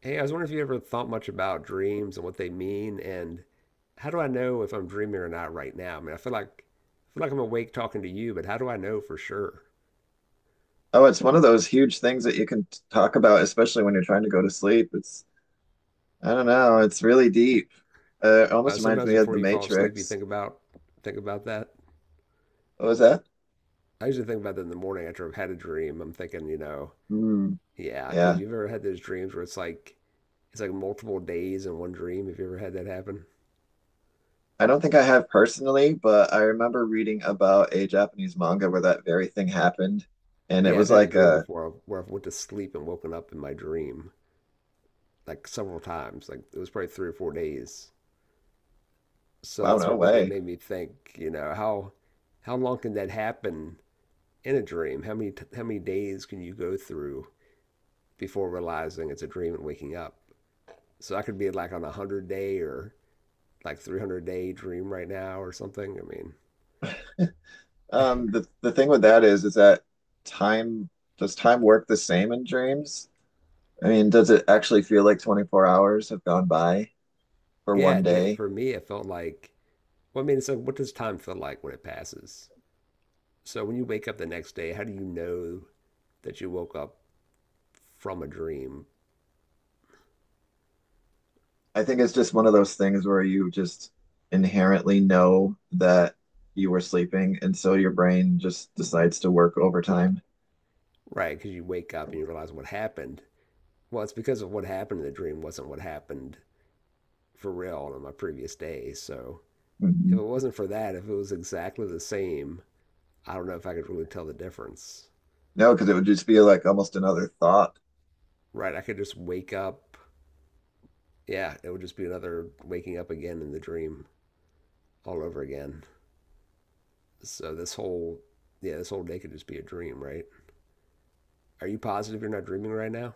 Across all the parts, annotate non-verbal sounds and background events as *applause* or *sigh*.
Hey, I was wondering if you ever thought much about dreams and what they mean, and how do I know if I'm dreaming or not right now? I mean, I feel like I'm awake talking to you, but how do I know for sure? Oh, it's one of those huge things that you can talk about, especially when you're trying to go to sleep. It's, I don't know, it's really deep. It almost reminds Sometimes me of before The you fall asleep, you Matrix. think about that. What was that? I usually think about that in the morning after I've had a dream. I'm thinking, you know, Hmm. yeah, because Yeah. you've ever had those dreams where it's like multiple days in one dream. Have you ever had that happen? I don't think I have personally, but I remember reading about a Japanese manga where that very thing happened. And it Yeah, I've was had a like dream a, before where I went to sleep and woken up in my dream like several times. Like it was probably 3 or 4 days. So wow, that's no what really way. made me think, you know, how long can that happen in a dream? How many how many days can you go through before realizing it's a dream and waking up? So I could be like on a 100 day or like 300-day dream right now or something. I mean, The thing with that is that time, does time work the same in dreams? I mean, does it I- actually feel like 24 hours have gone by? For yeah, one day. for me it felt like well, I mean, so what does time feel like when it passes? So when you wake up the next day, how do you know that you woke up from a dream? I think it's just one of those things where you just inherently know that you were sleeping, and so your brain just decides to work overtime. Right, because you wake up and you realize what happened. Well, it's because of what happened in the dream wasn't what happened for real on my previous day. So if Mhm. it wasn't for that, if it was exactly the same, I don't know if I could really tell the difference. No, because it would just be like almost another thought. Right? I could just wake up. Yeah, it would just be another waking up again in the dream all over again. So this whole day could just be a dream, right? Are you positive you're not dreaming right now?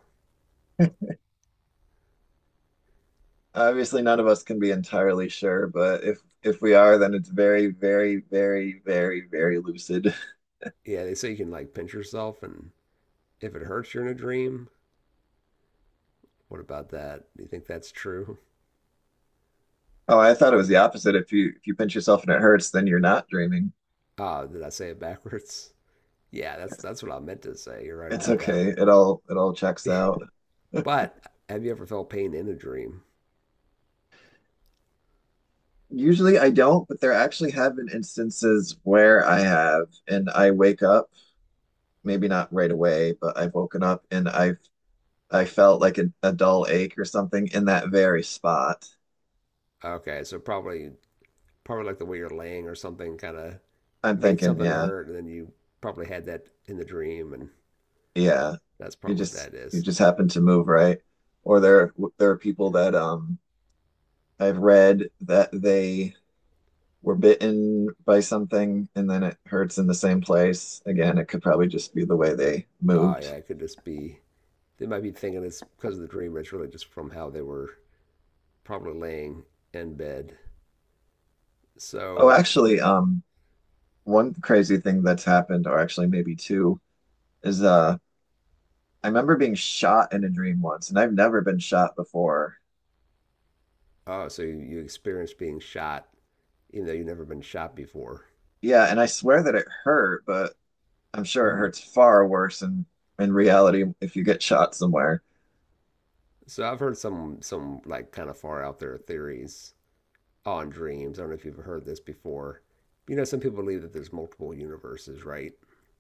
Obviously, none of us can be entirely sure, but if we are, then it's very, very, very, very, very lucid. *laughs* Yeah, they say you can like pinch yourself and if it hurts you're in a dream. What about that? Do you think that's true? Oh, I thought it was the opposite. If you pinch yourself and it hurts, then you're not dreaming. Ah, did I say it backwards? Yeah, that's It's, that's what I meant to say. You're right it's about that okay. It all checks one. *laughs* out. But have you ever felt pain in a dream? Usually I don't, but there actually have been instances where I have, and I wake up, maybe not right away, but I've woken up and I felt like a dull ache or something in that very spot. Okay, so probably like the way you're laying or something kind of I'm made thinking, something yeah, hurt, and then you probably had that in the dream, and Yeah, that's you probably what just that you is. just happen to move right, or there are people that I've read that they were bitten by something and then it hurts in the same place. Again, it could probably just be the way they Oh moved. yeah, it could just be they might be thinking it's because of the dream, but it's really just from how they were probably laying in bed. Oh, So actually, one crazy thing that's happened, or actually maybe two, is I remember being shot in a dream once, and I've never been shot before. oh, so you experienced being shot, even though you've never been shot before. Yeah, and I swear that it hurt, but I'm sure it Hmm. hurts far worse in reality if you get shot somewhere. So I've heard some like kind of far out there theories on dreams. I don't know if you've heard this before. You know, some people believe that there's multiple universes, right?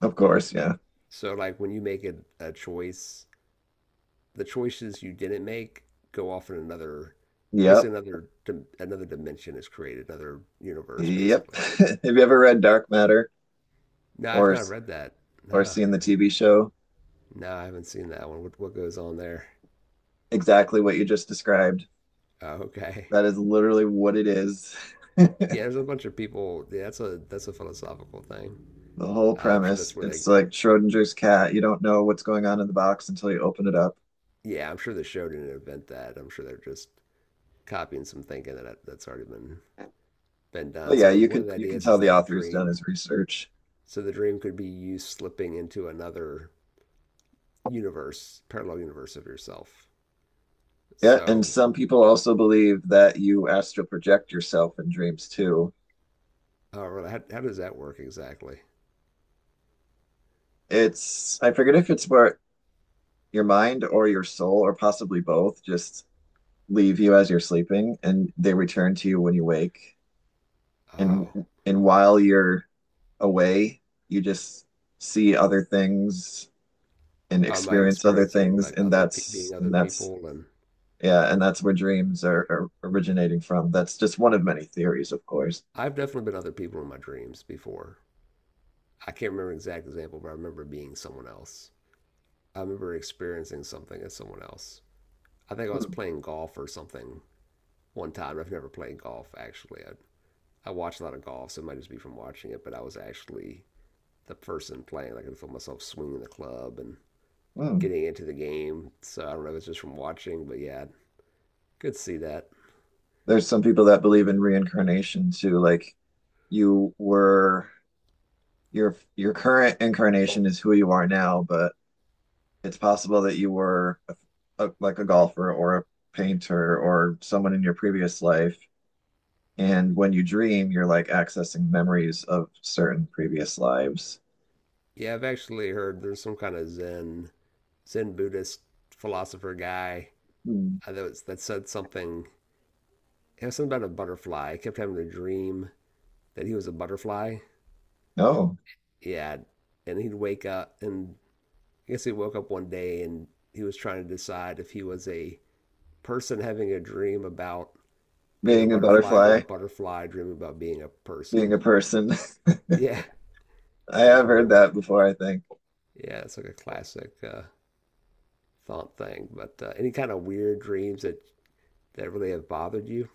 Of course, yeah. So like when you make a choice, the choices you didn't make go off in another, basically Yep. Another dimension is created, another universe Yep. *laughs* basically. Have you ever read Dark Matter No, I've or not s- read that. or No, seen the TV show? no, I haven't seen that one. What goes on there? Exactly what you just described. Oh, okay. *laughs* That is literally what it is. *laughs* Yeah, there's a bunch of people. Yeah, that's a philosophical thing. The whole I'm sure that's premise. where they, It's like Schrodinger's cat. You don't know what's going on in the box until you open it up. yeah, I'm sure the show didn't invent that. I'm sure they're just copying some thinking that that's already been done. But yeah, So you one of can the you can ideas is tell the that the author's done dream, his research. so the dream could be you slipping into another universe, parallel universe of yourself. Yeah, and So, some people also believe that you astral project yourself in dreams too. oh, really, how does that work exactly? It's I forget if it's where your mind or your soul or possibly both just leave you as you're sleeping and they return to you when you wake Oh, and and while you're away you just see other things and am I experience other experiencing things like and being other that's people? And yeah and that's where dreams are originating from that's just one of many theories of course. I've definitely been other people in my dreams before. I can't remember an exact example, but I remember being someone else. I remember experiencing something as someone else. I think I was Hmm, playing golf or something one time. I've never played golf actually. I watch a lot of golf, so it might just be from watching it. But I was actually the person playing. Like I could feel myself swinging the club and hmm. getting into the game. So I don't know if it's just from watching, but yeah, could see that. There's some people that believe in reincarnation too like you were your current incarnation is who you are now but it's possible that you were a, like a golfer or a painter or someone in your previous life. And when you dream, you're like accessing memories of certain previous lives. Yeah, I've actually heard there's some kind of Zen Buddhist philosopher guy Hmm. I know it's, that said something. It was something about a butterfly. He kept having a dream that he was a butterfly. Oh, Yeah, and he'd wake up and I guess he woke up one day and he was trying to decide if he was a person having a dream about being a being a butterfly or a butterfly, butterfly dreaming about being a being person. a person. Yeah. *laughs* I So he was have heard wondering which. that One. before, I think. Yeah, it's like a classic thought thing. But any kind of weird dreams that really have bothered you?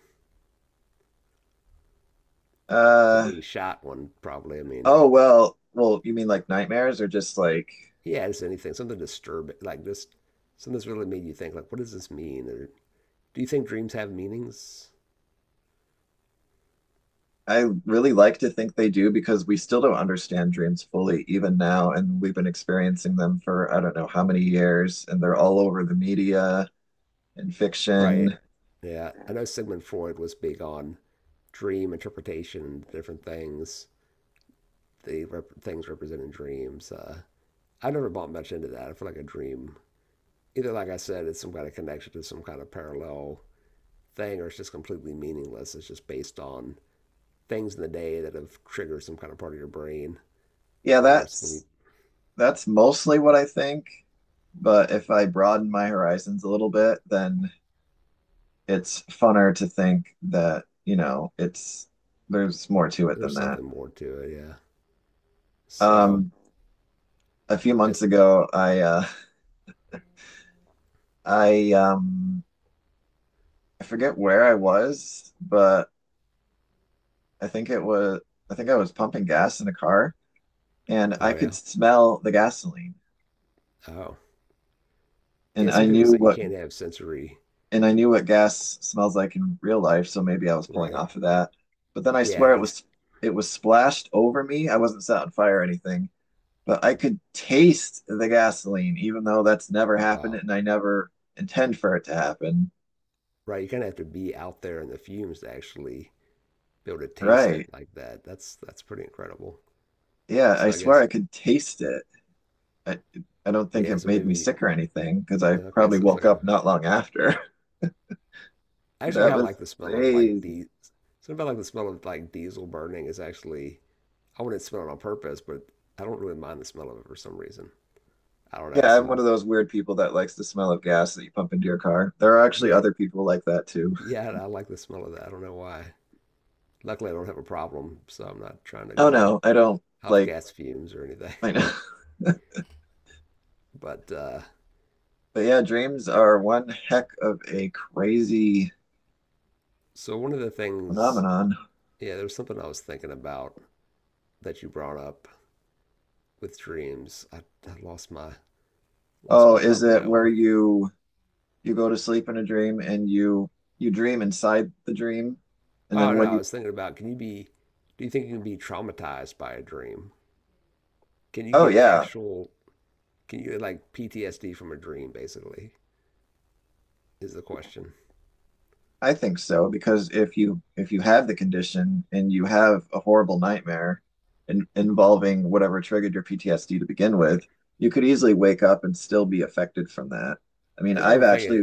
The Uh, being shot one, probably. I mean, oh, well, you mean like nightmares or just like yeah, just anything, something disturbing, like just something that's really made you think, like, what does this mean? Or do you think dreams have meanings? I really like to think they do because we still don't understand dreams fully, even now. And we've been experiencing them for I don't know how many years, and they're all over the media and Right. fiction. Yeah, I know Sigmund Freud was big on dream interpretation, different things, things representing dreams. I never bought much into that. I feel like a dream, either like I said, it's some kind of connection to some kind of parallel thing, or it's just completely meaningless. It's just based on things in the day that have triggered some kind of part of your brain Yeah, when you're that's asleep. that's mostly what I think. But if I broaden my horizons a little bit, then it's funner to think that, you know, it's there's more to it than There's that. something more to it, yeah. So, Um, a few months as ago, I um I forget where I was, but I think it was I think I was pumping gas in a car and oh I could yeah, smell the gasoline oh yeah. and Some I people knew say you what can't have sensory, and I knew what gas smells like in real life, so maybe I was pulling right? off of that. But then I Yeah, swear just it was splashed over me. I wasn't set on fire or anything, but I could taste the gasoline even though that's never happened wow, and I never intend for it to happen. right. You kind of have to be out there in the fumes to actually be able to taste it Right. like that. That's pretty incredible. Yeah, I So I swear guess I could taste it. I, I don't think yeah. it So made me maybe sick or anything because I okay. probably So it's woke like a, up not long after. *laughs* I actually That kind of was like the smell of like crazy. the something about like the smell of like diesel burning is actually I wouldn't smell it on purpose, but I don't really mind the smell of it for some reason. I don't know. It Yeah, I'm one of seems those weird people that likes the smell of gas that you pump into your car. There are actually yeah other people like that too. yeah. I like the smell of that. I don't know why. Luckily, I don't have a problem, so I'm not trying to *laughs* Oh go and no, I don't huff like, gas fumes or anything. *laughs* I know. *laughs* But But yeah, dreams are one heck of a crazy so one of the things, phenomenon. yeah, there was something I was thinking about that you brought up with dreams. I lost my lost Oh, my is thought on it that where one. you go to sleep in a dream and you dream inside the dream and Oh then no, when I you was thinking about can you be do you think you can be traumatized by a dream? Can you Oh get yeah. actual can you get like PTSD from a dream basically is the question. I think so because if you have the condition and you have a horrible nightmare involving whatever triggered your PTSD to begin Right. with, you could easily wake up and still be affected from that. I mean, Because what I'm thinking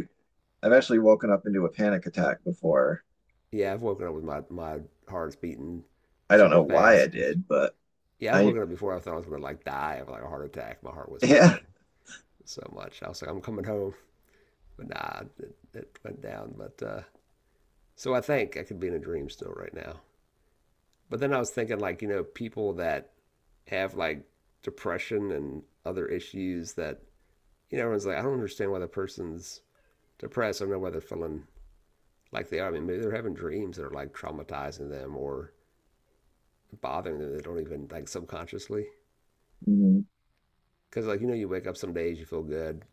I've actually woken up into a panic attack before. yeah, I've woken up with my heart's beating I don't super know why I fast. did, but Yeah, I've I woken up before I thought I was gonna like die of like a heart attack. My heart was *laughs* yeah. pounding so much. I was like, I'm coming home, but nah, it went down. But so I think I could be in a dream still right now. But then I was thinking, like, you know, people that have like depression and other issues that, you know, everyone's like, I don't understand why the person's depressed. I don't know why they're feeling like they are. I mean, maybe they're having dreams that are like traumatizing them or bothering them. They don't even like subconsciously. Mhm. Because, like, you know, you wake up some days, you feel good,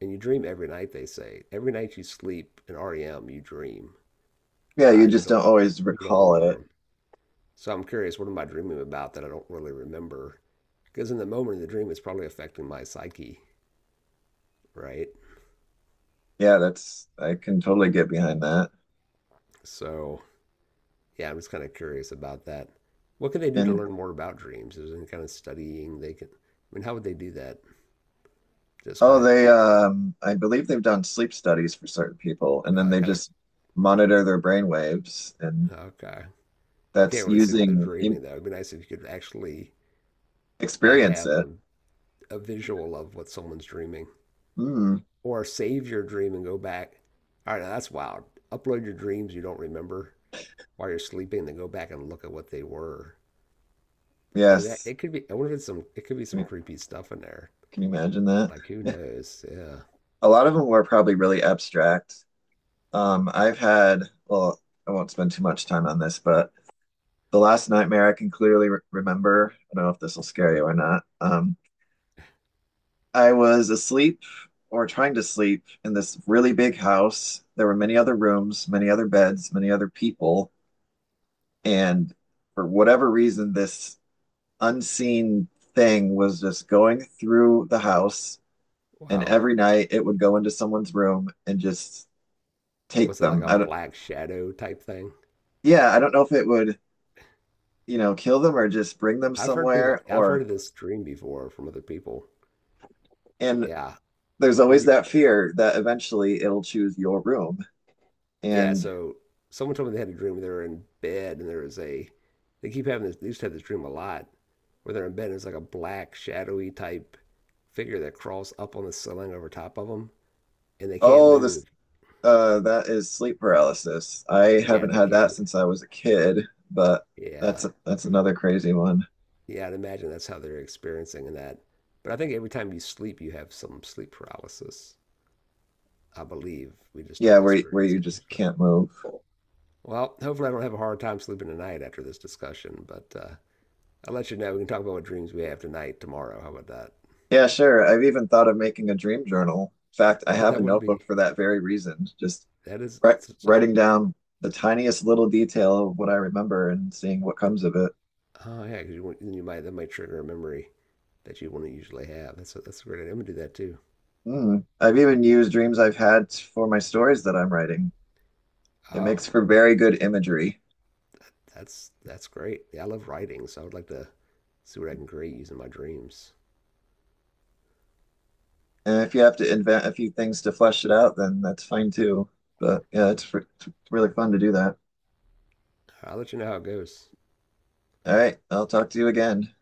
and you dream every night, they say. Every night you sleep in REM, you dream, Yeah, uh, you and you just don't, don't always you don't recall remember it. them. So I'm curious, what am I dreaming about that I don't really remember? Because in the moment of the dream, it's probably affecting my psyche. Right? Yeah, that's I can totally get behind that. So, yeah, I'm just kind of curious about that. What can they do to And learn more about dreams? Is there any kind of studying they can? I mean, how would they do that? Just kind oh, of, they I believe they've done sleep studies for certain people, and then uh, they kind just monitor their brain waves, and okay. They that's can't really see what they're using in, dreaming, though. It'd be nice if you could actually like experience have it. a visual of what someone's dreaming, Mm, or save your dream and go back. All right, now that's wild. Upload your dreams you don't remember while you're sleeping, then go back and look at what they were. And that yes. it could be. I wonder if it's some. It could be Can some you creepy stuff in there. can you imagine that? Like who knows? Yeah. A lot of them were probably really abstract. I've had, well, I won't spend too much time on this, but the last nightmare I can clearly re remember. I don't know if this will scare you or not. I was asleep or trying to sleep in this really big house. There were many other rooms, many other beds, many other people. And for whatever reason, this unseen thing was just going through the house. And Wow. every night it would go into someone's room and just take Was it like them. a I don't, black shadow type thing? yeah, I don't know if it would, you know, kill them or just bring them I've heard somewhere, people, I've heard or of this dream before from other people. and Yeah. there's Were always you, that fear that eventually it'll choose your room. yeah. And So someone told me they had a dream where they were in bed and there was a, they keep having this, they used to have this dream a lot where they're in bed and it's like a black shadowy type figure that crawls up on the ceiling over top of them and they can't oh, the move. That is sleep paralysis. I Yeah. And haven't they had can't that move. since I was a kid, but Yeah. that's another crazy one. Yeah. I'd imagine that's how they're experiencing that. But I think every time you sleep, you have some sleep paralysis. I believe we just Yeah, don't where experience you it just usually. can't move. Well, hopefully I don't have a hard time sleeping tonight after this discussion, but I'll let you know. We can talk about what dreams we have tonight, tomorrow. How about that? *laughs* Yeah, sure. I've even thought of making a dream journal. In fact, I have a That would notebook be for that very reason. Just that is such a writing down the tiniest little detail of what I remember and seeing what comes of it. oh yeah, 'cause you want, you might that might trigger a memory that you wouldn't usually have. That's a great idea. I'm gonna do that too. Mm. I've even used dreams I've had for my stories that I'm writing. It Oh, makes for very good imagery. that's great. Yeah, I love writing, so I would like to see what I can create using my dreams. And if you have to invent a few things to flesh it out, then that's fine too. But yeah, it's really fun to do that. I'll let you know how it goes. All right, I'll talk to you again.